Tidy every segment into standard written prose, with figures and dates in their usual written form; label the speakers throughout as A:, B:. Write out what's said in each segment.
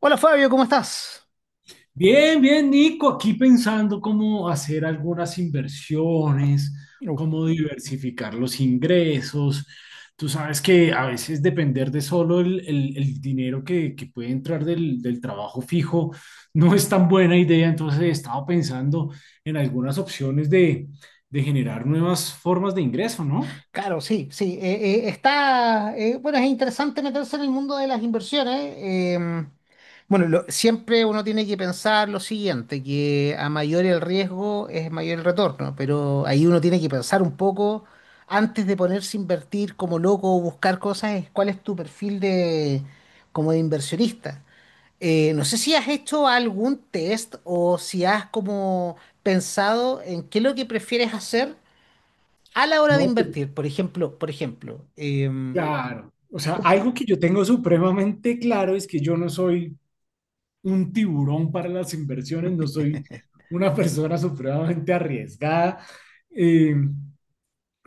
A: Hola Fabio, ¿cómo estás?
B: Bien, bien, Nico, aquí pensando cómo hacer algunas inversiones,
A: Uh,
B: cómo diversificar los ingresos. Tú sabes que a veces depender de solo el dinero que puede entrar del trabajo fijo no es tan buena idea, entonces he estado pensando en algunas opciones de generar nuevas formas de ingreso, ¿no?
A: claro, sí, sí. Está, bueno, es interesante meterse en el mundo de las inversiones. Bueno, siempre uno tiene que pensar lo siguiente, que a mayor el riesgo es mayor el retorno, pero ahí uno tiene que pensar un poco antes de ponerse a invertir como loco o buscar cosas, es cuál es tu perfil de, como de inversionista. No sé si has hecho algún test o si has como pensado en qué es lo que prefieres hacer a la hora de
B: No, pues,
A: invertir, por ejemplo,
B: claro. O sea,
A: tú-
B: algo que yo tengo supremamente claro es que yo no soy un tiburón para las inversiones, no soy una persona supremamente arriesgada. Eh,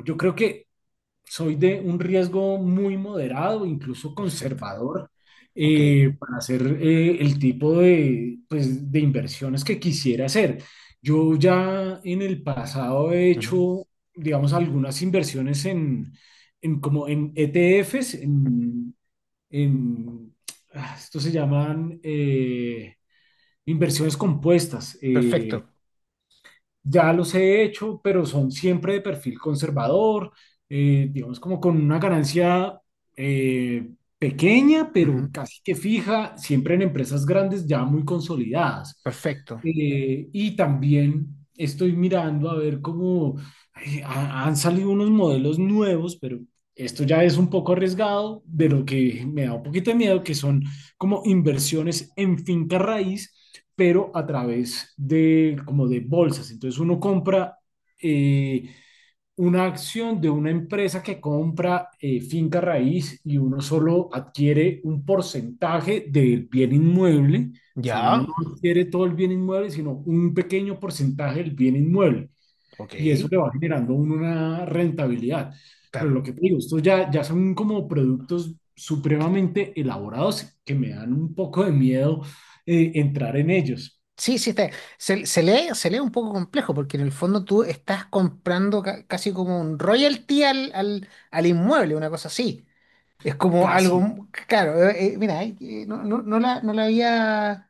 B: yo creo que soy de un riesgo muy moderado, incluso
A: Perfecto.
B: conservador,
A: Ok.
B: para hacer el tipo de, pues, de inversiones que quisiera hacer. Yo ya en el pasado he
A: Ujú.
B: hecho, digamos, algunas inversiones en como en ETFs, en- esto se llaman... inversiones compuestas.
A: Perfecto.
B: Ya los he hecho, pero son siempre de perfil conservador, digamos como con una ganancia eh, pequeña,
A: Ujú.
B: pero casi que fija, siempre en empresas grandes ya muy consolidadas.
A: Perfecto.
B: Y también estoy mirando a ver cómo han salido unos modelos nuevos, pero esto ya es un poco arriesgado, de lo que me da un poquito de miedo, que son como inversiones en finca raíz pero a través de como de bolsas. Entonces uno compra eh, una acción de una empresa que compra finca raíz y uno solo adquiere un porcentaje del bien inmueble. O sea, uno
A: Ya.
B: no adquiere todo el bien inmueble, sino un pequeño porcentaje del bien inmueble.
A: Ok.
B: Y eso le va generando a uno una rentabilidad. Pero
A: Claro.
B: lo que te digo, estos ya, ya son como productos supremamente elaborados que me dan un poco de miedo entrar en ellos.
A: Sí, sí, está. Se lee un poco complejo porque en el fondo tú estás comprando casi como un royalty al inmueble, una cosa así. Es como
B: Casi.
A: algo, claro, mira, no, no, no la había,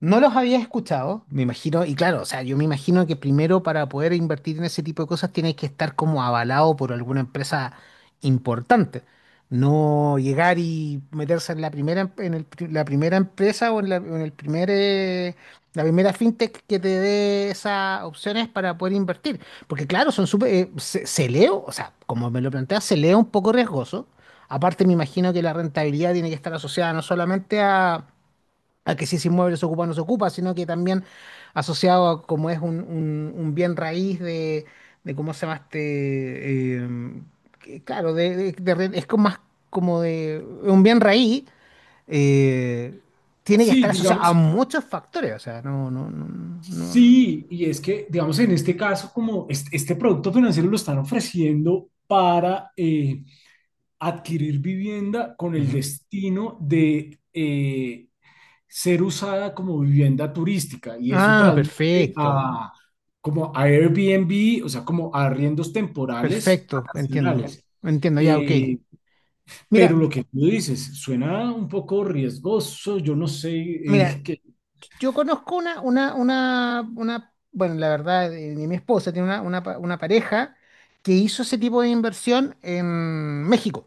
A: no los había escuchado, me imagino, y claro, o sea, yo me imagino que primero para poder invertir en ese tipo de cosas tienes que estar como avalado por alguna empresa importante. No llegar y meterse en la primera, en el la primera empresa o en la, o en el primer, la primera fintech que te dé esas opciones para poder invertir. Porque claro, son súper, se, se leo, o sea, como me lo planteas, se leo un poco riesgoso. Aparte, me imagino que la rentabilidad tiene que estar asociada no solamente a que si ese inmueble se ocupa o no se ocupa, sino que también asociado a como es un, un bien raíz de cómo se llama este, que, claro, es como más como de un bien raíz, eh, tiene que
B: Sí,
A: estar asociado a
B: digamos,
A: muchos factores, o sea, no, no, no, no.
B: sí, y es que, digamos, en este caso, como este producto financiero lo están ofreciendo para adquirir vivienda con el
A: Ujú.
B: destino de ser usada como vivienda turística, y eso
A: Ah,
B: traduce
A: perfecto,
B: a, como a Airbnb, o sea, como a arriendos temporales
A: perfecto, entiendo,
B: vacacionales.
A: entiendo, ya, ok.
B: Eh,
A: Mira,
B: pero lo que tú dices suena un poco riesgoso, yo no sé,
A: mira,
B: eh, que-
A: yo conozco bueno, la verdad, mi esposa tiene una pareja que hizo ese tipo de inversión en México.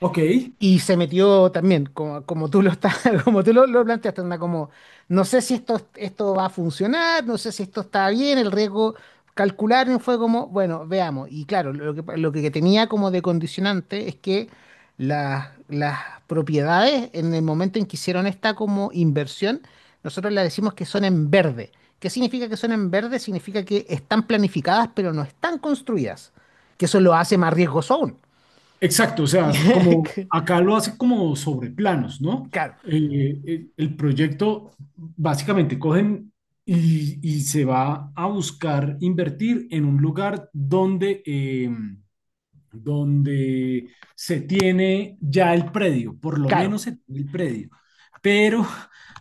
B: ok.
A: Y se metió también, como, como tú lo estás, como tú lo planteaste, anda como, no sé si esto, esto va a funcionar, no sé si esto está bien, el riesgo calcular y fue como, bueno, veamos. Y claro, lo que tenía como de condicionante es que las propiedades, en el momento en que hicieron esta como inversión, nosotros le decimos que son en verde. ¿Qué significa que son en verde? Significa que están planificadas, pero no están construidas, que eso lo hace más riesgoso aún.
B: Exacto, o sea, como acá lo hace como sobre planos, ¿no?
A: Claro.
B: El proyecto básicamente cogen y se va a buscar invertir en un lugar donde, donde se tiene ya el predio, por lo
A: Claro,
B: menos se tiene el predio, pero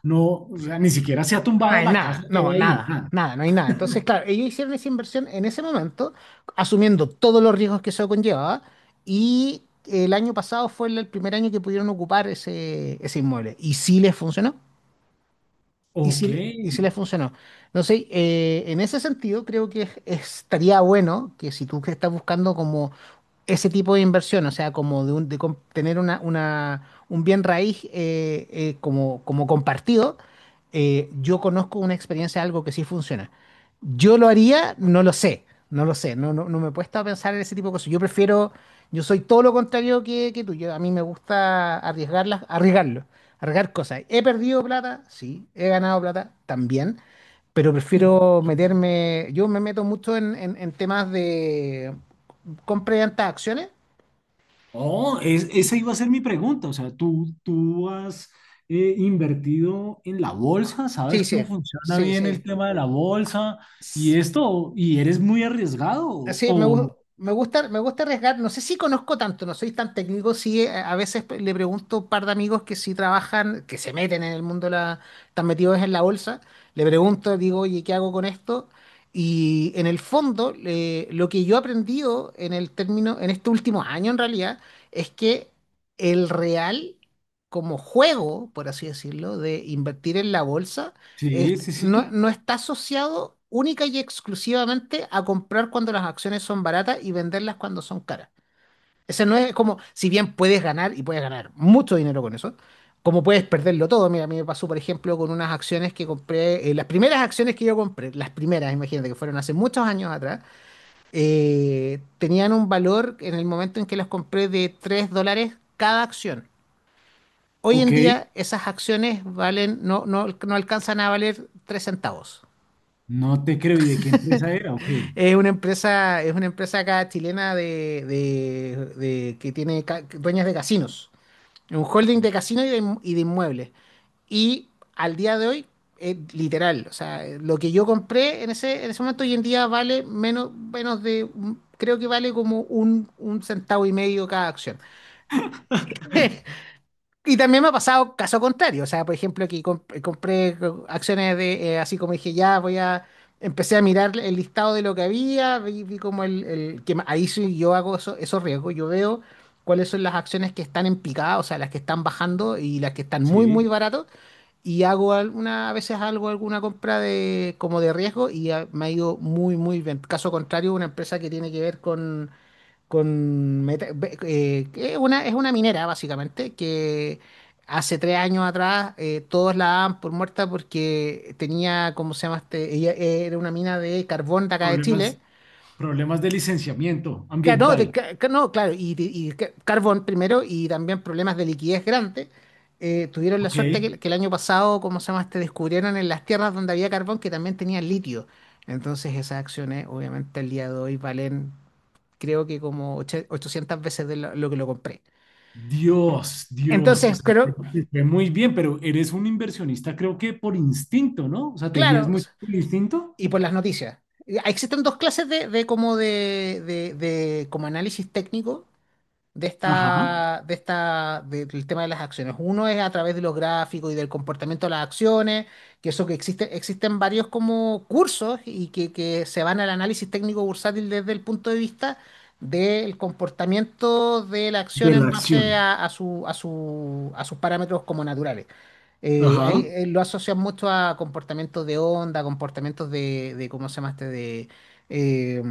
B: no, o sea, ni siquiera se ha
A: no
B: tumbado
A: hay
B: la casa
A: nada,
B: que
A: no,
B: hay ahí,
A: nada,
B: nada.
A: nada, no hay nada. Entonces, claro, ellos hicieron esa inversión en ese momento, asumiendo todos los riesgos que eso conllevaba, y el año pasado fue el primer año que pudieron ocupar ese, ese inmueble. Y sí les funcionó, y sí,
B: Ok.
A: y sí les funcionó. Entonces, en ese sentido, creo que estaría bueno que si tú que estás buscando como ese tipo de inversión, o sea, como de, tener una, un bien raíz como, como compartido, yo conozco una experiencia, algo que sí funciona. Yo lo haría, no lo sé, no lo sé, no, no, no me he puesto a pensar en ese tipo de cosas. Yo prefiero, yo soy todo lo contrario que tú, yo, a mí me gusta arriesgarlas, arriesgarlo, arriesgar cosas. He perdido plata, sí, he ganado plata también pero prefiero meterme, yo me meto mucho en, en temas de, compré hartas acciones
B: Oh,
A: y
B: esa iba a ser mi pregunta. O sea, ¿tú has invertido en la bolsa?
A: sí,
B: ¿Sabes
A: sí,
B: cómo funciona
A: sí,
B: bien el
A: sí.
B: tema de la bolsa y
A: S-
B: esto? ¿Y eres muy arriesgado?
A: Sí, me, me gusta arriesgar. No sé si conozco tanto, no soy tan técnico. Sí, a veces le pregunto a un par de amigos que sí trabajan, que se meten en el mundo, de la, están metidos en la bolsa. Le pregunto, digo, oye, ¿qué hago con esto? Y en el fondo, lo que yo he aprendido en el término, en este último año en realidad, es que el real, como juego, por así decirlo, de invertir en la bolsa,
B: Sí, sí, sí.
A: no, no está asociado única y exclusivamente a comprar cuando las acciones son baratas y venderlas cuando son caras. Ese no es como, si bien puedes ganar y puedes ganar mucho dinero con eso, como puedes perderlo todo. Mira, a mí me pasó, por ejemplo, con unas acciones que compré, las primeras acciones que yo compré, las primeras, imagínate, que fueron hace muchos años atrás, tenían un valor en el momento en que las compré de $3 cada acción. Hoy en
B: Ok,
A: día esas acciones valen, no, no, no alcanzan a valer 3 centavos.
B: no te creo. ¿Y de qué empresa era? Ok,
A: Es una empresa acá chilena de, que tiene dueñas de casinos. Es un holding de casinos y de, y de inmuebles. Y al día de hoy, es literal, o sea, lo que yo compré en ese momento hoy en día vale menos, menos de, creo que vale como un centavo y medio cada acción. Y también me ha pasado caso contrario, o sea, por ejemplo, que compré acciones de, así como dije, ya voy a, empecé a mirar el listado de lo que había, vi, vi como el, ahí sí yo hago esos riesgos, yo veo cuáles son las acciones que están en picada, o sea, las que están bajando y las que están muy, muy
B: sí.
A: baratos, y hago alguna, a veces algo, alguna compra de, como de riesgo y ah, me ha ido muy, muy bien. Caso contrario, una empresa que tiene que ver con que es una minera básicamente que hace 3 años atrás todos la daban por muerta porque tenía, ¿cómo se llama este? Ella era una mina de carbón de acá de
B: Problemas,
A: Chile.
B: problemas de licenciamiento
A: No, de
B: ambiental.
A: no, claro, y carbón primero y también problemas de liquidez grandes. Tuvieron la
B: Ok.
A: suerte que el año pasado, ¿cómo se llama este? Descubrieron en las tierras donde había carbón que también tenía litio. Entonces esas acciones, obviamente, el día de hoy valen, creo que como 800 veces de lo que lo compré.
B: Dios, Dios, o
A: Entonces,
B: sea, te,
A: creo,
B: te fue muy bien, pero eres un inversionista, creo que por instinto, ¿no? O sea, ¿te guías
A: claro, o
B: mucho
A: sea,
B: por instinto?
A: y por las noticias. Existen dos clases de, de como análisis técnico de
B: Ajá.
A: esta, del tema de las acciones. Uno es a través de los gráficos y del comportamiento de las acciones, que eso que existe, existen varios como cursos y que se van al análisis técnico bursátil desde el punto de vista del comportamiento de la acción
B: De la
A: en base
B: acción.
A: a, a sus parámetros como naturales.
B: Ajá.
A: Lo asocian mucho a comportamientos de onda, comportamientos de ¿cómo se llama este? De, eh,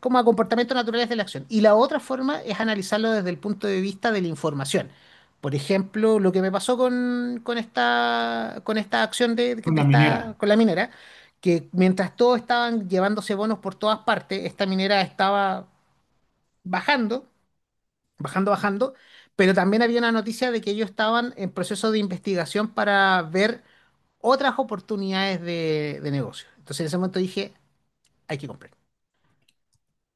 A: como a comportamientos naturales de la acción. Y la otra forma es analizarlo desde el punto de vista de la información. Por ejemplo, lo que me pasó con esta acción
B: Con
A: de
B: la
A: esta,
B: minera.
A: con la minera, que mientras todos estaban llevándose bonos por todas partes, esta minera estaba bajando, bajando, bajando, pero también había una noticia de que ellos estaban en proceso de investigación para ver otras oportunidades de negocio. Entonces en ese momento dije, hay que comprar.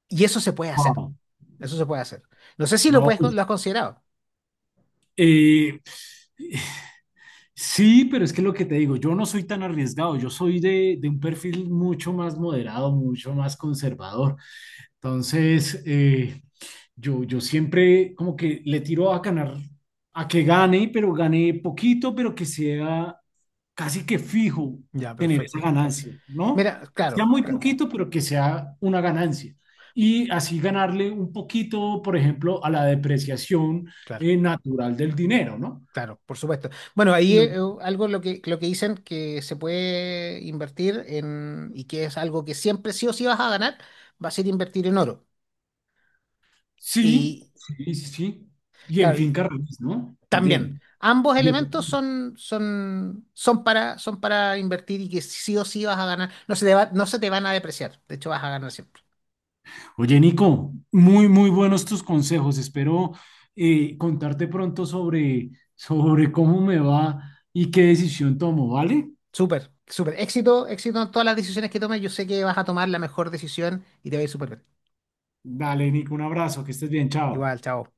A: Y eso se puede hacer,
B: Wow.
A: eso se puede hacer. No sé si lo
B: No,
A: puedes,
B: pues
A: lo has considerado.
B: Eh, sí, pero es que lo que te digo, yo no soy tan arriesgado, yo soy de un perfil mucho más moderado, mucho más conservador. Entonces, yo, yo siempre como que le tiro a ganar, a que gane, pero gane poquito, pero que sea casi que fijo
A: Ya,
B: tener esa
A: perfecto.
B: ganancia, ¿no?
A: Mira,
B: Sea
A: claro,
B: muy
A: claro,
B: poquito, pero que sea una ganancia. Y así ganarle un poquito, por ejemplo, a la depreciación
A: claro,
B: natural del dinero, ¿no?
A: claro, por supuesto. Bueno, ahí
B: No,
A: algo lo que dicen que se puede invertir en, y que es algo que siempre sí o sí vas a ganar, va a ser invertir en oro.
B: sí,
A: Y
B: sí, sí, sí. Y en
A: claro, y
B: finca raíz, ¿no?
A: también,
B: También.
A: ambos
B: Bien.
A: elementos son, son, son para, son para invertir y que sí o sí vas a ganar. No se te no se te van a depreciar. De hecho, vas a ganar siempre.
B: Oye, Nico, muy, muy buenos tus consejos. Espero contarte pronto sobre, sobre cómo me va y qué decisión tomo, ¿vale?
A: Súper, súper. Éxito, éxito en todas las decisiones que tomes. Yo sé que vas a tomar la mejor decisión y te va a ir súper bien.
B: Dale, Nico, un abrazo, que estés bien, chao.
A: Igual, chao.